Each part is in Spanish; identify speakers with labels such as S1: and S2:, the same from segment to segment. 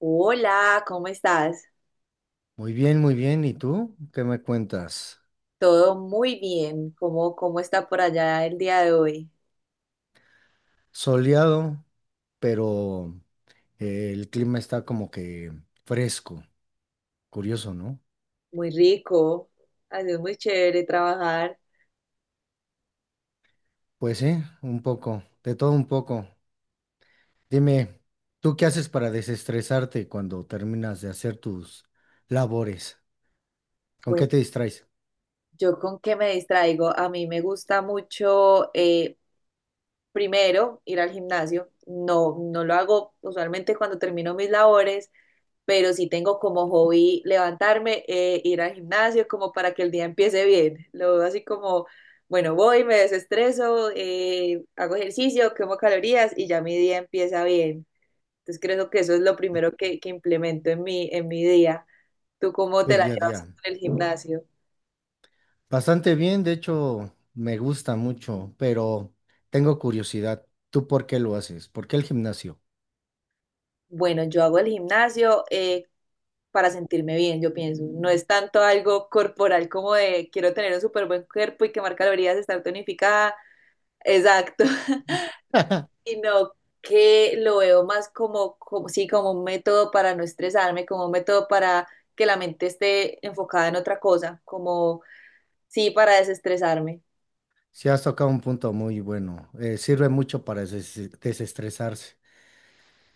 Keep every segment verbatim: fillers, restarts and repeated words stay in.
S1: Hola, ¿cómo estás?
S2: Muy bien, muy bien. ¿Y tú? ¿Qué me cuentas?
S1: Todo muy bien. ¿Cómo, cómo está por allá el día de hoy?
S2: Soleado, pero eh, el clima está como que fresco. Curioso, ¿no?
S1: Muy rico. Ha sido muy chévere trabajar.
S2: Pues sí, un poco, de todo un poco. Dime, ¿tú qué haces para desestresarte cuando terminas de hacer tus labores? ¿Con
S1: Bueno,
S2: qué te distraes
S1: ¿yo con qué me distraigo? A mí me gusta mucho eh, primero ir al gimnasio. No, no lo hago usualmente cuando termino mis labores, pero sí tengo como hobby levantarme, eh, ir al gimnasio como para que el día empiece bien. Lo veo así como, bueno, voy, me desestreso, eh, hago ejercicio, quemo calorías y ya mi día empieza bien. Entonces creo que eso es lo primero que, que implemento en mi, en mi día. ¿Tú cómo
S2: tu
S1: te la
S2: día a día?
S1: llevas con el gimnasio?
S2: Bastante bien, de hecho, me gusta mucho, pero tengo curiosidad. ¿Tú por qué lo haces? ¿Por qué el gimnasio?
S1: Bueno, yo hago el gimnasio eh, para sentirme bien, yo pienso. No es tanto algo corporal como de quiero tener un súper buen cuerpo y quemar calorías, estar tonificada, exacto, sino que lo veo más como, como, sí, como un método para no estresarme, como un método para que la mente esté enfocada en otra cosa, como, sí, para desestresarme.
S2: Sí, has tocado un punto muy bueno. Eh, sirve mucho para des- desestresarse.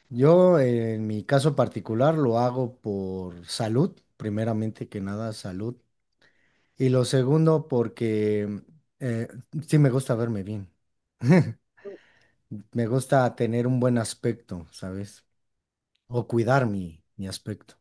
S2: Yo, eh, en mi caso particular, lo hago por salud, primeramente que nada, salud. Y lo segundo, porque eh, sí me gusta verme bien. Me gusta tener un buen aspecto, ¿sabes? O cuidar mi, mi aspecto.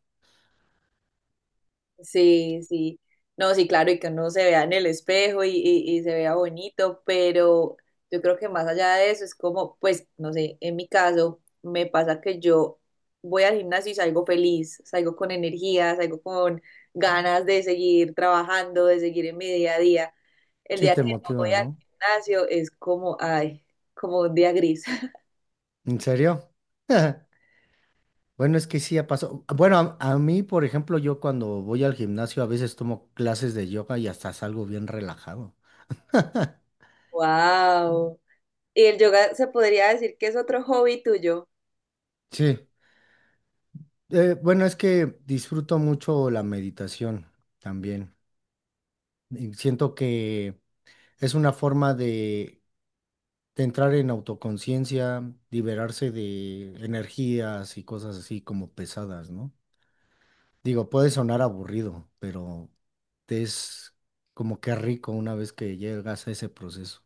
S1: Sí, sí. No, sí, claro, y que uno se vea en el espejo y, y- y se vea bonito, pero yo creo que más allá de eso es como, pues, no sé, en mi caso me pasa que yo voy al gimnasio y salgo feliz, salgo con energía, salgo con ganas de seguir trabajando, de seguir en mi día a día. El
S2: Sí,
S1: día
S2: te
S1: que no voy
S2: motivas,
S1: al
S2: ¿no?
S1: gimnasio es como, ay, como un día gris.
S2: ¿En serio? Bueno, es que sí ha pasado. Bueno, a, a mí, por ejemplo, yo cuando voy al gimnasio a veces tomo clases de yoga y hasta salgo bien relajado.
S1: Wow. ¿Y el yoga se podría decir que es otro hobby tuyo?
S2: Sí. Eh, bueno, es que disfruto mucho la meditación también. Y siento que es una forma de, de entrar en autoconciencia, liberarse de energías y cosas así como pesadas, ¿no? Digo, puede sonar aburrido, pero es como que rico una vez que llegas a ese proceso.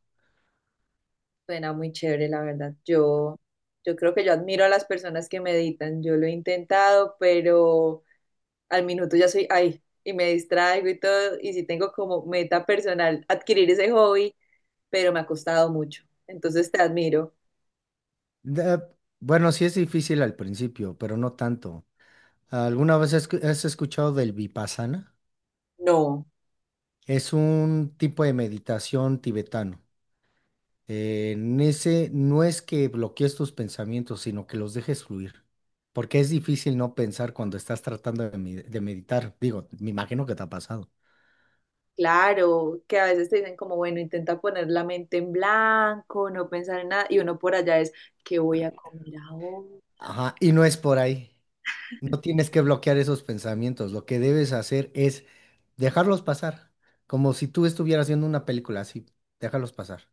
S1: Suena muy chévere, la verdad. Yo, yo creo que yo admiro a las personas que meditan. Yo lo he intentado, pero al minuto ya soy ahí y me distraigo y todo. Y sí tengo como meta personal adquirir ese hobby, pero me ha costado mucho. Entonces te admiro.
S2: Da- bueno, sí es difícil al principio, pero no tanto. ¿Alguna vez has escu- has escuchado del Vipassana?
S1: No,
S2: Es un tipo de meditación tibetano. Eh, en ese no es que bloquees tus pensamientos, sino que los dejes fluir. Porque es difícil no pensar cuando estás tratando de, med- de meditar. Digo, me imagino que te ha pasado.
S1: claro, que a veces te dicen como, bueno, intenta poner la mente en blanco, no pensar en nada. Y uno por allá es, ¿qué voy a comer ahora?
S2: Ajá, y no es por ahí. No tienes que bloquear esos pensamientos. Lo que debes hacer es dejarlos pasar. Como si tú estuvieras viendo una película así. Déjalos pasar,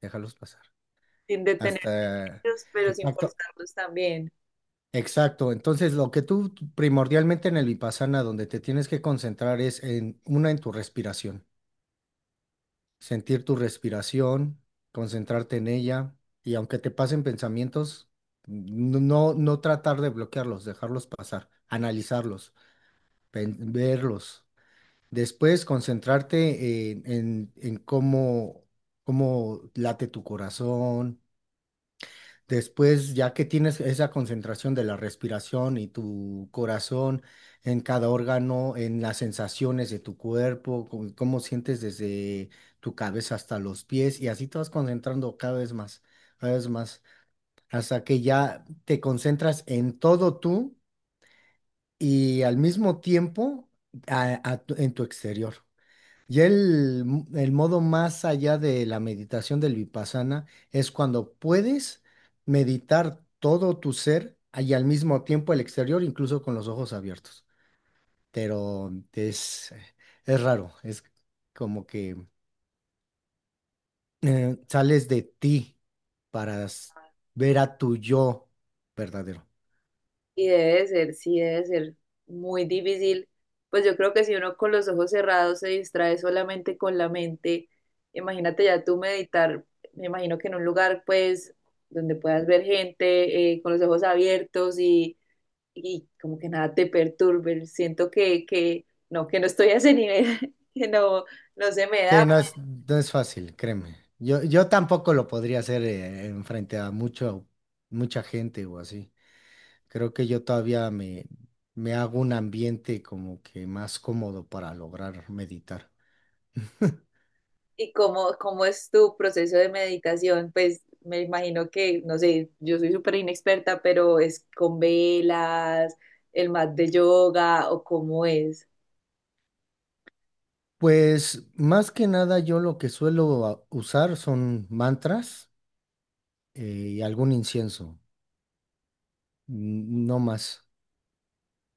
S2: déjalos pasar.
S1: Sin detenerte,
S2: Hasta,
S1: en ellos, pero sin
S2: exacto.
S1: forzarlos también.
S2: Exacto, entonces lo que tú primordialmente en el vipassana, donde te tienes que concentrar es en una en tu respiración, sentir tu respiración, concentrarte en ella y aunque te pasen pensamientos, no, no no tratar de bloquearlos, dejarlos pasar, analizarlos, pen- verlos. Después concentrarte en, en, en cómo, cómo late tu corazón. Después, ya que tienes esa concentración de la respiración y tu corazón en cada órgano, en las sensaciones de tu cuerpo, cómo, cómo sientes desde tu cabeza hasta los pies, y así te vas concentrando cada vez más, cada vez más, hasta que ya te concentras en todo tú y al mismo tiempo a- a tu- en tu exterior. Ya el, el modo más allá de la meditación del vipassana es cuando puedes meditar todo tu ser y al mismo tiempo el exterior, incluso con los ojos abiertos. Pero es, es raro, es como que eh, sales de ti para s- ver a tu yo verdadero.
S1: Y debe ser, sí, debe ser muy difícil. Pues yo creo que si uno con los ojos cerrados se distrae solamente con la mente, imagínate ya tú meditar, me imagino que en un lugar pues donde puedas ver gente eh, con los ojos abiertos y, y como que nada te perturbe. Siento que, que no, que no estoy a ese nivel, que no, no se me
S2: Sí,
S1: da.
S2: no es, no es fácil, créeme. Yo, yo tampoco lo podría hacer eh, en frente a mucho, mucha gente o así. Creo que yo todavía me, me hago un ambiente como que más cómodo para lograr meditar.
S1: ¿Y cómo, cómo es tu proceso de meditación? Pues me imagino que, no sé, yo soy súper inexperta, pero es con velas, el mat de yoga o cómo es.
S2: Pues más que nada yo lo que suelo a- usar son mantras eh, y algún incienso, n- no más.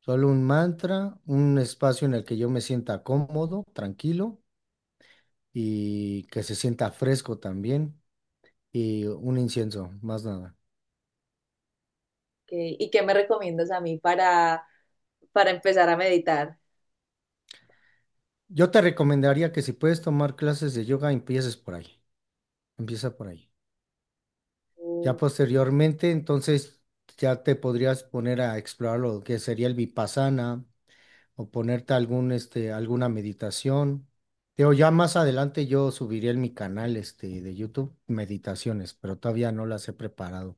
S2: Solo un mantra, un espacio en el que yo me sienta cómodo, tranquilo y que se sienta fresco también y un incienso, más nada.
S1: ¿Qué- ¿Y qué me recomiendas a mí para, para empezar a meditar?
S2: Yo te recomendaría que si puedes tomar clases de yoga, empieces por ahí. Empieza por ahí. Ya
S1: Mm.
S2: posteriormente, entonces ya te podrías poner a explorar lo que sería el vipassana o ponerte algún, este, alguna meditación. Digo, ya más adelante yo subiré en mi canal, este, de YouTube meditaciones, pero todavía no las he preparado.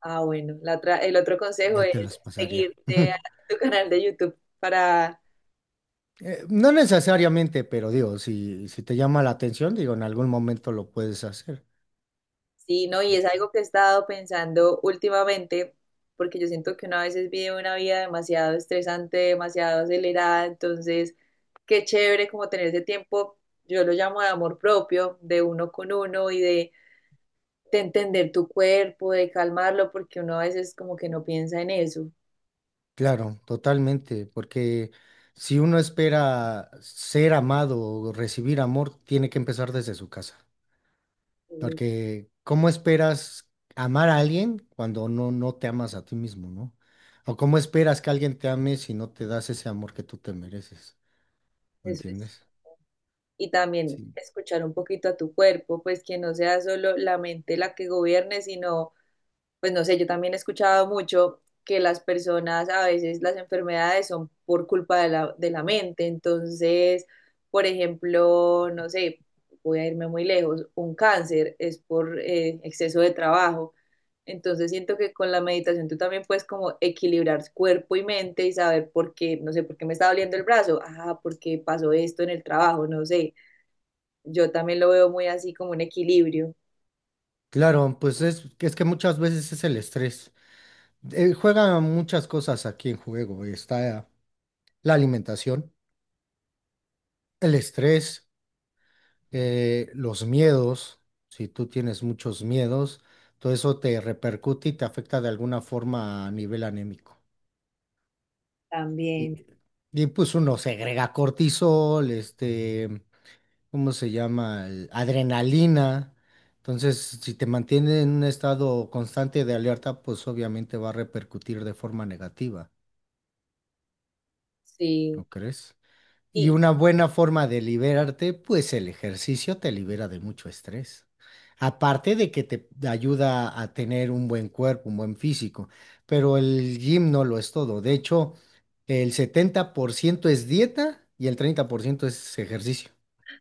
S1: Ah, bueno, la otra, el otro consejo
S2: Ya te
S1: es
S2: las pasaría.
S1: seguirte a tu canal de YouTube para...
S2: Eh, no necesariamente, pero digo, si, si te llama la atención, digo, en algún momento lo puedes hacer.
S1: Sí, no, y es algo que he estado pensando últimamente, porque yo siento que uno a veces vive una vida demasiado estresante, demasiado acelerada, entonces qué chévere como tener ese tiempo, yo lo llamo de amor propio, de uno con uno y de, de entender tu cuerpo, de calmarlo, porque uno a veces como que no piensa en eso.
S2: Claro, totalmente, porque si uno espera ser amado o recibir amor, tiene que empezar desde su casa.
S1: Mm.
S2: Porque ¿cómo esperas amar a alguien cuando no, no te amas a ti mismo, ¿no? O cómo esperas que alguien te ame si no te das ese amor que tú te mereces, ¿me
S1: Eso es.
S2: entiendes?
S1: Y también
S2: Sí.
S1: escuchar un poquito a tu cuerpo, pues que no sea solo la mente la que gobierne, sino pues no sé, yo también he escuchado mucho que las personas a veces las enfermedades son por culpa de la, de la mente. Entonces, por ejemplo, no sé, voy a irme muy lejos, un cáncer es por eh, exceso de trabajo. Entonces siento que con la meditación tú también puedes como equilibrar cuerpo y mente y saber por qué, no sé, por qué me está doliendo el brazo. Ah, porque pasó esto en el trabajo, no sé. Yo también lo veo muy así como un equilibrio.
S2: Claro, pues es, es que muchas veces es el estrés. Eh, juegan muchas cosas aquí en juego. Está la alimentación, el estrés. eh, los miedos, si tú tienes muchos miedos, todo eso te repercute y te afecta de alguna forma a nivel anémico. Y,
S1: También.
S2: y, pues uno segrega cortisol, este, ¿cómo se llama? El- Adrenalina. Entonces, si te mantiene en un estado constante de alerta, pues obviamente va a repercutir de forma negativa,
S1: Sí.
S2: ¿no crees? Y
S1: Y...
S2: una buena forma de liberarte, pues el ejercicio te libera de mucho estrés. Aparte de que te ayuda a tener un buen cuerpo, un buen físico, pero el gym no lo es todo. De hecho, el setenta por ciento es dieta y el treinta por ciento es ejercicio.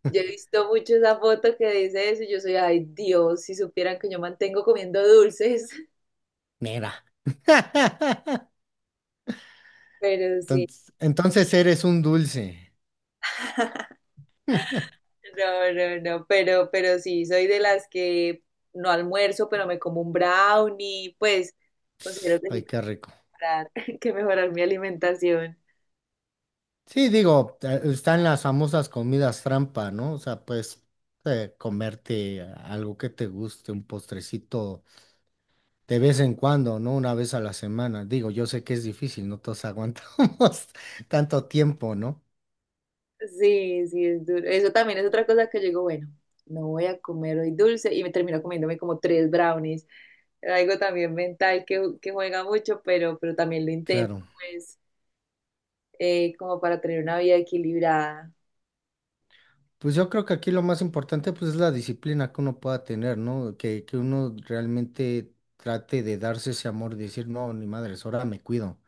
S1: Yo he visto mucho esa foto que dice eso y yo soy, ay Dios, si supieran que yo mantengo comiendo dulces.
S2: Mira.
S1: Pero sí,
S2: Entonces, entonces eres un dulce.
S1: no, no, no, pero, pero sí, soy de las que no almuerzo, pero me como un brownie, pues considero que sí
S2: Ay, qué rico.
S1: tengo que mejorar, que mejorar mi alimentación.
S2: Sí, digo, eh, están las famosas comidas trampa, ¿no? O sea, pues eh, comerte algo que te guste, un postrecito de vez en cuando, ¿no? Una vez a la semana. Digo, yo sé que es difícil, no todos aguantamos tanto tiempo, ¿no?
S1: Sí, sí, es duro. Eso también es otra cosa que yo digo, bueno, no voy a comer hoy dulce y me termino comiéndome como tres brownies. Algo también mental que, que juega mucho, pero, pero también lo intento,
S2: Claro.
S1: pues. eh, como para tener una vida equilibrada.
S2: Pues yo creo que aquí lo más importante pues es la disciplina que uno pueda tener, ¿no? Que, que uno realmente trate de darse ese amor, decir, no, ni madres, ahora me cuido.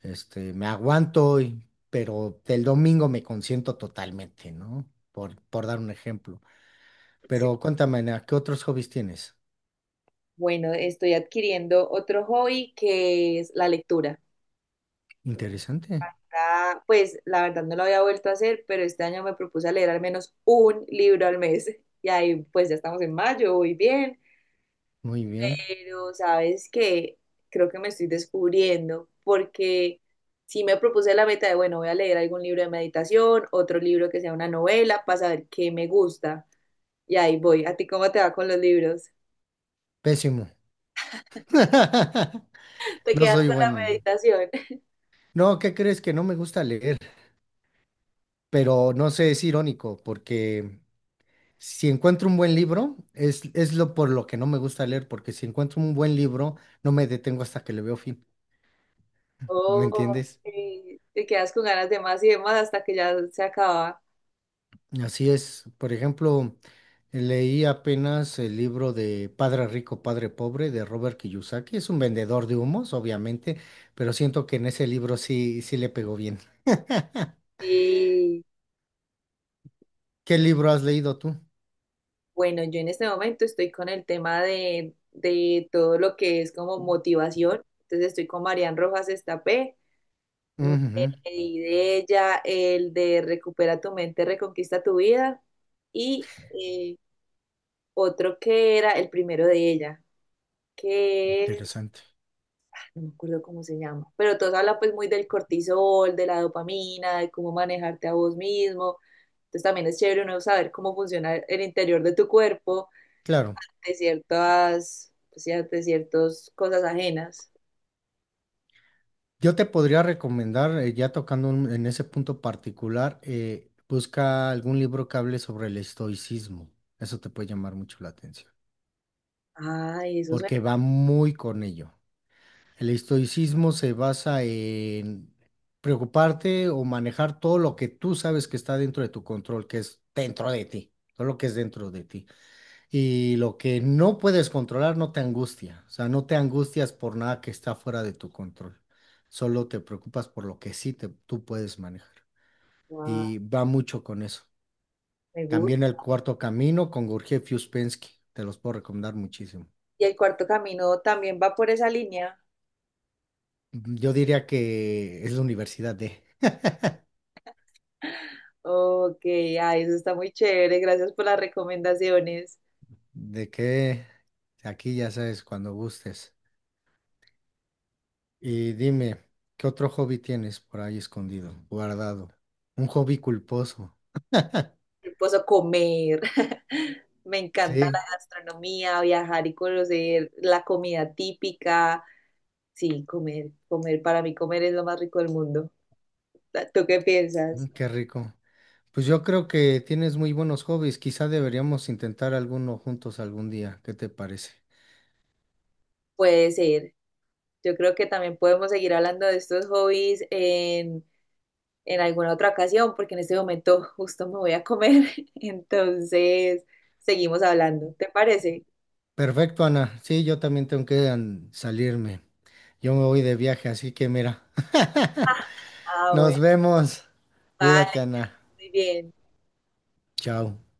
S2: Este, me aguanto, y- pero el domingo me consiento totalmente, ¿no? Por, por dar un ejemplo.
S1: Sí.
S2: Pero cuéntame, Ana, ¿qué otros hobbies tienes?
S1: Bueno, estoy adquiriendo otro hobby que es la lectura.
S2: Interesante.
S1: Ah, pues la verdad no lo había vuelto a hacer, pero este año me propuse a leer al menos un libro al mes. Y ahí pues ya estamos en mayo, voy bien.
S2: Muy bien.
S1: Pero sabes que creo que me estoy descubriendo porque sí me propuse la meta de, bueno, voy a leer algún libro de meditación, otro libro que sea una novela para saber qué me gusta. Y ahí voy. ¿A ti cómo te va con los libros?
S2: Pésimo.
S1: Te
S2: No
S1: quedas
S2: soy
S1: con la
S2: bueno.
S1: meditación.
S2: No, ¿qué crees que no me gusta leer? Pero no sé, es irónico, porque si encuentro un buen libro, es, es lo por lo que no me gusta leer, porque si encuentro un buen libro, no me detengo hasta que le veo fin. ¿Me
S1: Oh,
S2: entiendes?
S1: sí, te quedas con ganas de más y de más hasta que ya se acaba.
S2: Así es. Por ejemplo, leí apenas el libro de Padre Rico, Padre Pobre de Robert Kiyosaki. Es un vendedor de humos, obviamente, pero siento que en ese libro sí, sí le pegó bien.
S1: Y
S2: ¿Qué libro has leído tú?
S1: bueno, yo en este momento estoy con el tema de, de todo lo que es como motivación. Entonces estoy con Marian Rojas Estapé. Me
S2: Ujú,
S1: leí de ella el de Recupera tu mente, reconquista tu vida. Y eh, otro que era el primero de ella, que es...
S2: interesante.
S1: no me acuerdo cómo se llama, pero todos hablan pues muy del cortisol, de la dopamina, de cómo manejarte a vos mismo. Entonces también es chévere uno saber cómo funciona el interior de tu cuerpo,
S2: Claro.
S1: de ciertas, pues, ya, de ciertas cosas ajenas.
S2: Yo te podría recomendar, eh, ya tocando un- en ese punto particular, eh, busca algún libro que hable sobre el estoicismo. Eso te puede llamar mucho la atención,
S1: Ay, eso suena,
S2: porque va muy con ello. El estoicismo se basa en preocuparte o manejar todo lo que tú sabes que está dentro de tu control, que es dentro de ti, todo lo que es dentro de ti. Y lo que no puedes controlar no te angustia, o sea, no te angustias por nada que está fuera de tu control, solo te preocupas por lo que sí te- tú puedes manejar.
S1: guau,
S2: Y va mucho con eso.
S1: me gusta.
S2: También el cuarto camino con Gurdjieff y Uspensky, te los puedo recomendar muchísimo.
S1: Y el cuarto camino también va por esa línea.
S2: Yo diría que es la universidad de...
S1: Ok, ay, eso está muy chévere. Gracias por las recomendaciones.
S2: ¿De qué? Aquí ya sabes, cuando gustes. Y dime, ¿qué otro hobby tienes por ahí escondido, guardado? Un hobby culposo.
S1: Esposo comer. Me encanta la
S2: Sí,
S1: gastronomía, viajar y conocer la comida típica. Sí, comer, comer, para mí comer es lo más rico del mundo. ¿Tú qué
S2: mm,
S1: piensas?
S2: qué rico. Pues yo creo que tienes muy buenos hobbies. Quizá deberíamos intentar alguno juntos algún día. ¿Qué te parece?
S1: Puede ser. Yo creo que también podemos seguir hablando de estos hobbies en, en alguna otra ocasión, porque en este momento justo me voy a comer. Entonces, seguimos hablando. ¿Te parece?
S2: Perfecto, Ana. Sí, yo también tengo que an- salirme. Yo me voy de viaje, así que mira.
S1: Ah, bueno,
S2: Nos vemos.
S1: vale,
S2: Cuídate, Ana.
S1: muy bien.
S2: Chao.